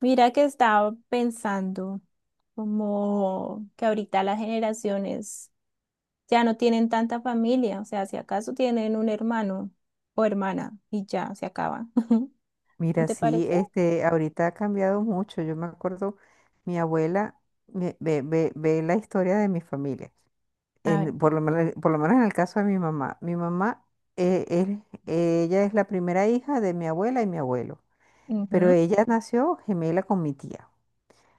Mira que estaba pensando como que ahorita las generaciones ya no tienen tanta familia, o sea, si acaso tienen un hermano o hermana y ya se acaba. ¿No Mira, te sí, parece? Ahorita ha cambiado mucho. Yo me acuerdo, mi abuela ve la historia de mi familia, A en, ver. Por lo menos en el caso de mi mamá. Mi mamá, eh, es- ella es la primera hija de mi abuela y mi abuelo, pero Ujú. ella nació gemela con mi tía.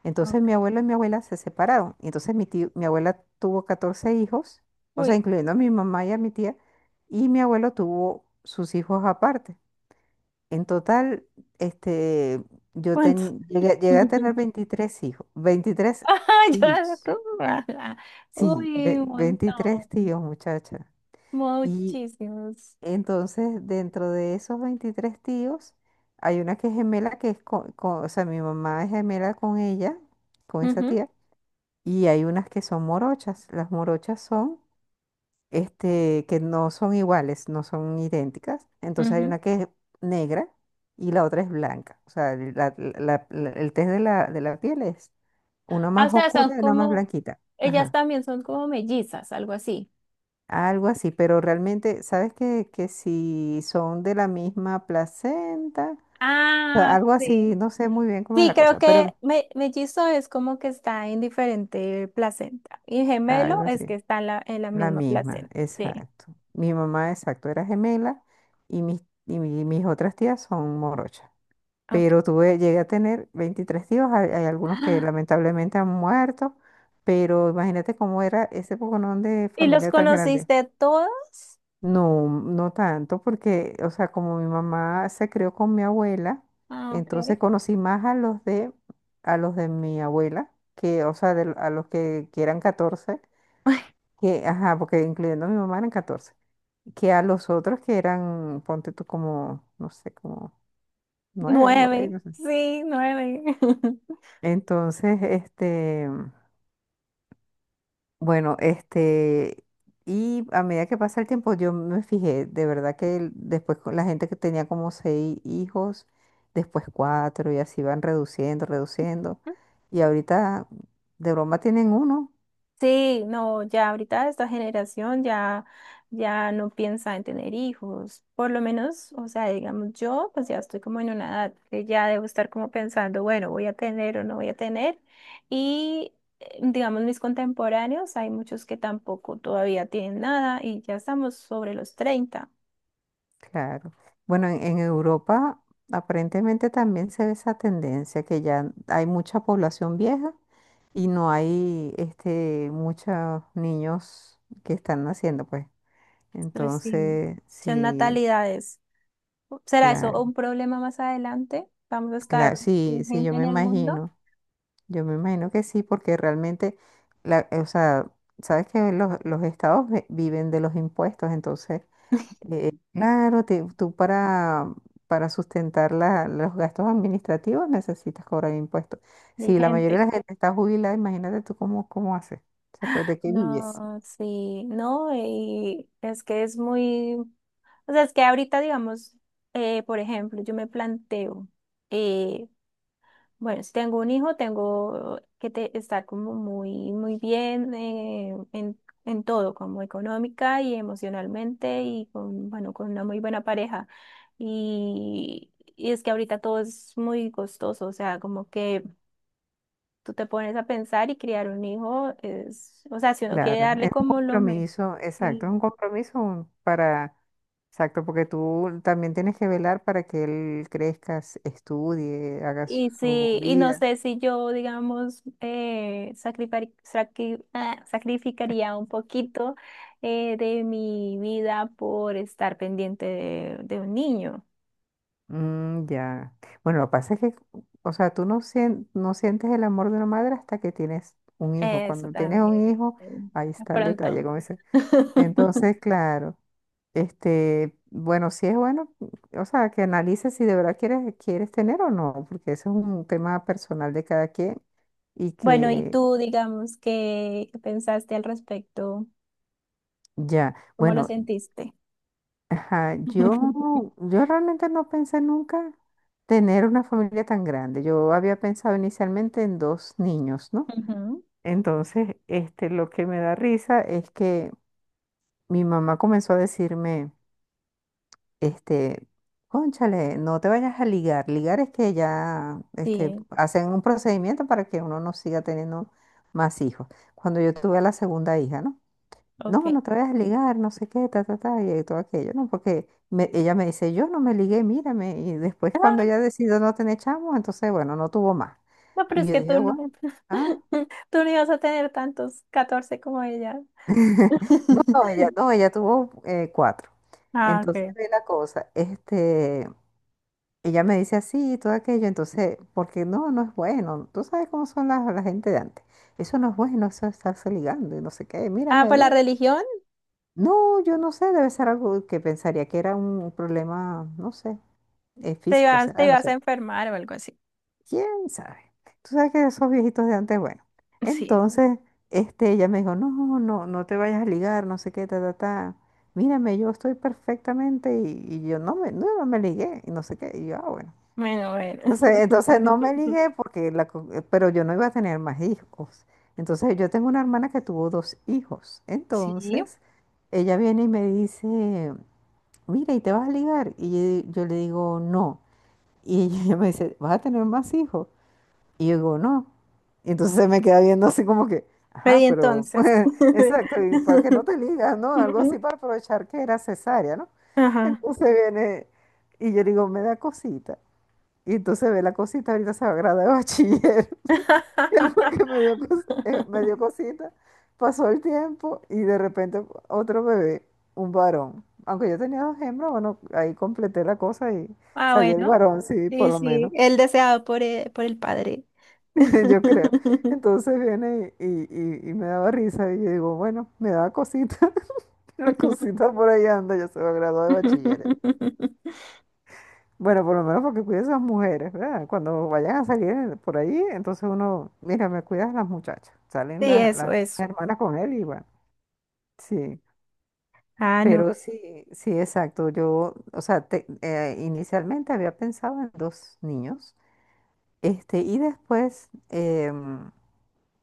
Entonces Ok. mi abuelo y mi abuela se separaron. Y entonces mi abuela tuvo 14 hijos, o sea, Uy, incluyendo a mi mamá y a mi tía, y mi abuelo tuvo sus hijos aparte. En total, este, ¿cuántos? Llegué a tener 23 hijos, 23 Ah, yo- tíos. Sí, Uy, un 23 montón. tíos, muchacha. Y Muchísimos. entonces, dentro de esos 23 tíos, hay una que es gemela, que es con- o sea, mi mamá es gemela con ella, con esa Ujú, tía, y hay unas que son morochas. Las morochas son que no son iguales, no son idénticas. Entonces hay ujú. una que es negra y la otra es blanca. O sea, el test de la piel es una Ah, o más sea, son oscura y una más como, blanquita. ellas Ajá. también son como mellizas, algo así. Algo así, pero realmente, ¿sabes que si son de la misma placenta? O sea, Ah, algo así, sí. no sé muy bien cómo es Sí, la creo cosa, que pero mellizo es como que está en diferente placenta y algo gemelo es que así. está en la La misma misma, placenta. Sí, exacto. Mi mamá, exacto, era gemela mis otras tías son morochas. ok. Pero llegué a tener 23 tíos, hay algunos que lamentablemente han muerto, pero imagínate cómo era ese poconón de ¿Y los familia tan grande. conociste todos? No, no tanto, porque, o sea, como mi mamá se crió con mi abuela, Ah, ok. entonces conocí más a los de mi abuela, que, o sea, a los que que, eran 14, ajá, porque incluyendo a mi mamá eran 14, que a los otros que eran, ponte tú como, no sé, como nueve por ahí, Nueve, no sé. sí, nueve. Entonces, bueno, este, y a medida que pasa el tiempo, yo me fijé, de verdad que después con la gente que tenía como seis hijos, después cuatro, y así van reduciendo, reduciendo. Y ahorita, de broma, tienen uno, Sí, no, ya ahorita esta ya no piensa en tener hijos, por lo menos, o sea, digamos yo, pues ya estoy como en una edad que ya debo estar como pensando, bueno, voy a tener o no voy a tener, y digamos mis contemporáneos, hay muchos que tampoco todavía tienen nada y ya estamos sobre los 30, claro. Bueno, en Europa aparentemente también se ve esa tendencia, que ya hay mucha población vieja y no hay, muchos niños que están naciendo, pues. entonces sí, Entonces, son sí, natalidades. ¿Será eso claro, un problema más adelante? ¿Vamos a claro, estar sí, sin sí, gente en el mundo? Yo me imagino que sí, porque realmente, o sea, sabes que los estados viven de los impuestos, entonces, claro, tú para sustentar los gastos administrativos necesitas cobrar impuestos. Ni Si la mayoría gente. de la gente está jubilada, imagínate tú cómo haces, o sea, ¿de qué vives? No, sí, no, y es que es muy, o sea, es que ahorita, digamos, por ejemplo, yo me planteo, eh, bueno, si tengo un hijo, tengo que estar como muy, muy bien en todo, como económica y emocionalmente y con, bueno, con una muy buena pareja. Y es que ahorita todo es muy costoso, o sea, como que tú te pones a pensar y criar un hijo es, o sea, si uno quiere Claro, darle es un como lo mejor. compromiso, exacto, es un Sí. compromiso para, exacto, porque tú también tienes que velar para que él crezca, estudie, haga Y su sí, y no vida. sé si yo, digamos, sacrificaría un poquito de mi vida por estar pendiente de un niño. Mm, ya. Bueno, lo que pasa es que, o sea, tú no, sien- no sientes el amor de una madre hasta que tienes un hijo. Eso Cuando tienes un también, hijo, sí, ahí de está el detalle, pronto. como. Entonces, claro, bueno, sí es bueno, o sea, que analices si de verdad quieres tener o no, porque eso es un tema personal de cada quien y Bueno, y que tú, digamos, ¿qué, qué pensaste al respecto? ya, ¿Cómo lo bueno, sentiste? ajá, yo realmente no pensé nunca tener una familia tan grande. Yo había pensado inicialmente en dos niños, ¿no? Ujú. Entonces, lo que me da risa es que mi mamá comenzó a decirme, Este, cónchale, no te vayas a ligar. Ligar es que ya Sí, hacen un procedimiento para que uno no siga teniendo más hijos. Cuando yo tuve a la segunda hija, ¿no? No, ok. no te vayas a ligar, no sé qué, ta, ta, ta, y todo aquello, ¿no? Ella me dice, yo no me ligué, mírame. Y después cuando ella decidió no tener chamos, entonces, bueno, no tuvo más. No, pero Y es yo que dije, tú bueno, no, ah, tú no ibas a tener tantos 14 como ella. no, ella, no, ella tuvo cuatro. Ah, Entonces, ok. ve la cosa, ella me dice así y todo aquello, entonces, porque no, no es bueno. Tú sabes cómo son gente de antes. Eso no es bueno, eso es estarse ligando y no sé qué. Ah, Mírame, pues la ve. religión, No, yo no sé, debe ser algo que pensaría que era un problema, no sé, físico, te será, no ibas a sé. enfermar o algo así. ¿Quién sabe? Tú sabes que esos viejitos de antes, bueno. Sí. Entonces, ella me dijo, no, no, no te vayas a ligar, no sé qué, ta, ta, ta. Mírame, yo estoy perfectamente y yo no me ligué y no sé qué. Y yo, ah, bueno. Bueno, bueno. Entonces no me ligué porque pero yo no iba a tener más hijos. Entonces yo tengo una hermana que tuvo dos hijos. Sí. Entonces ella viene y me dice, mira, ¿y te vas a ligar? Y yo le digo, no. Y ella me dice, ¿vas a tener más hijos? Y yo digo, no. Y entonces se me queda viendo así como que, Pero y ajá, pero entonces. exacto, ¿y para qué no te ligas, no? Algo así Ujú. para aprovechar que era cesárea, ¿no? Ajá. Entonces viene y yo digo, me da cosita. Y entonces ve la cosita, ahorita se va a graduar de bachiller. Y porque me dio, me dio cosita. Pasó el tiempo y de repente otro bebé, un varón. Aunque yo tenía dos hembras, bueno, ahí completé la cosa y Ah, salió el bueno. varón, sí, por Sí, lo sí, menos. el deseado por el padre. Yo creo. Entonces viene y me daba risa y yo digo, bueno, me daba cosita. La cosita por ahí anda, ya se va a graduar de bachiller. Bueno, por lo menos porque cuides a esas mujeres, ¿verdad? Cuando vayan a salir por ahí, entonces uno, mira, me cuidas las muchachas. Salen Sí, eso, las eso. hermanas con él y bueno, sí. Ah, no. Pero sí, sí, exacto. Yo, o sea, inicialmente había pensado en dos niños, y después,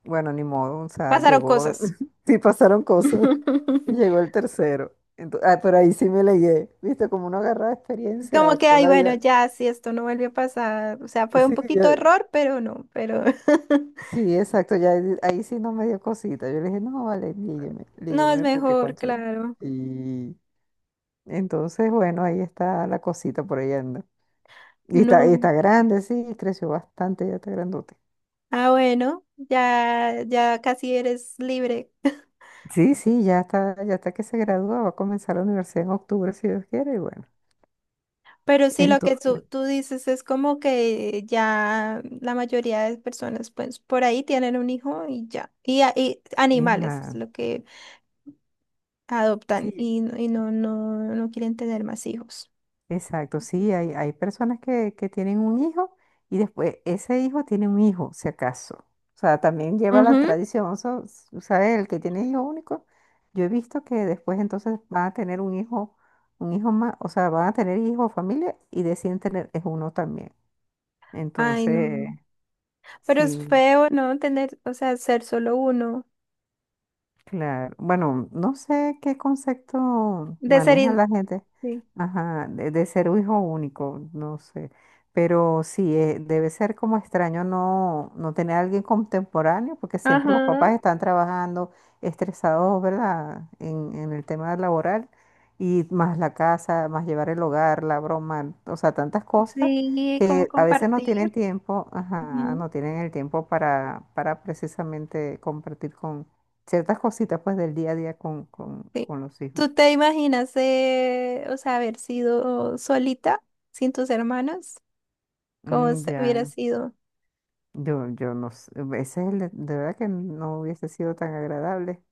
bueno, ni modo, o sea, Pasaron llegó, cosas. sí pasaron cosas, y llegó el tercero. Ah, pero ahí sí me leí, ¿viste? Como uno agarra Es como experiencia que, con ay, la bueno, vida. ya, si esto no vuelve a pasar, o sea, fue un Sí, poquito yo, error, pero no, pero sí, exacto, ya ahí, ahí sí no me dio cosita. Yo le dije, no, vale, lígueme, no es lígueme, porque mejor, cónchale. claro, Y entonces, bueno, ahí está la cosita por ahí anda. Y no. está grande, sí, creció bastante, ya está grandote. Ah, bueno, ya, ya casi eres libre. Sí, sí, ya está que se gradúa, va a comenzar la universidad en octubre, si Dios quiere, y bueno. Pero sí, lo que tú, Entonces, tú dices es como que ya la mayoría de personas, pues, por ahí tienen un hijo y ya. Y, y animales es hija, lo que adoptan sí. y, y no, no, no quieren tener más hijos. Exacto, sí, hay personas que tienen un hijo y después ese hijo tiene un hijo, si acaso. O sea, también lleva la Ujú. tradición, ¿sabes? El que tiene hijo único, yo he visto que después entonces van a tener un hijo más, o sea, van a tener hijo o familia y deciden tener es uno también. Ay, Entonces, no. Pero es sí. feo, ¿no? Tener, o sea, ser solo uno. Claro, bueno, no sé qué concepto De ser... maneja in- la gente, Sí. ajá, de ser un hijo único, no sé, pero sí, debe ser como extraño no, no tener a alguien contemporáneo, porque siempre los papás Ajá. están trabajando estresados, ¿verdad? En el tema laboral, y más la casa, más llevar el hogar, la broma, o sea, tantas cosas Sí, como que a veces no tienen compartir. tiempo, ajá, Ujú. no tienen el tiempo para precisamente compartir ciertas cositas pues del día a día Sí. con los hijos. ¿Tú te imaginas, o sea, haber sido solita sin tus hermanos? ¿Cómo Mm, hubiera ya, sido? Yo no sé, ese es el, de verdad que no hubiese sido tan agradable,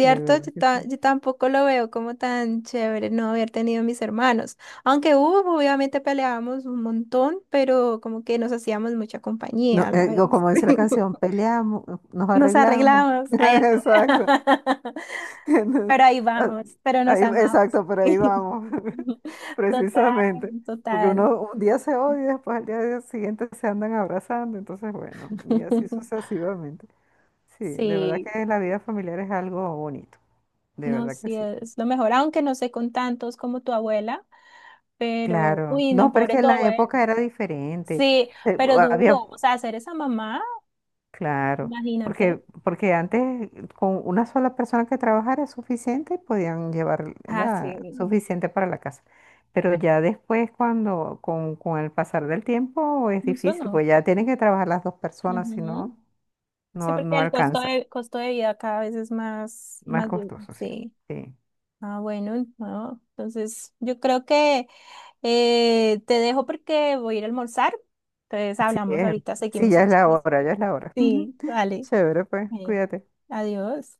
de verdad yo, que sí. yo tampoco lo veo como tan chévere no haber tenido mis hermanos. Aunque hubo, obviamente peleábamos un montón, pero como que nos hacíamos mucha compañía No, a la o vez. como dice la canción, peleamos, nos Nos arreglamos. arreglamos. A eso. Exacto. Entonces, Pero ahí ah, vamos, pero nos ahí- amamos. exacto, pero ahí vamos, Total, precisamente. Porque total. uno un día se odia y después al día siguiente se andan abrazando, entonces bueno, y así sucesivamente. Sí, de verdad Sí, que la vida familiar es algo bonito. De no, verdad que sí sí. es lo mejor, aunque no sé con tantos como tu abuela, pero, Claro. uy, no, No, pero es pobre que tu la abuela. época era diferente. Sí, Se- pero había, duro, o sea, ser esa mamá, claro, imagínate. Porque antes con una sola persona que trabajara es suficiente y podían llevar, Ah, ¿verdad?, sí, suficiente para la casa. Pero ya después, cuando, con el pasar del tiempo, es incluso difícil, no. pues ya tienen que trabajar las dos personas, si Ujú. no, Sí, porque no el alcanza. Costo de vida cada vez es más, Más más duro, costoso, sí. sí. Sí, Ah, bueno, no, entonces yo creo que te dejo porque voy a ir a almorzar. Entonces sí, hablamos ahorita, sí, seguimos ya el es la hora, chismecito. ya es la hora. Sí, vale. Chévere, pues, Bueno, cuídate. adiós.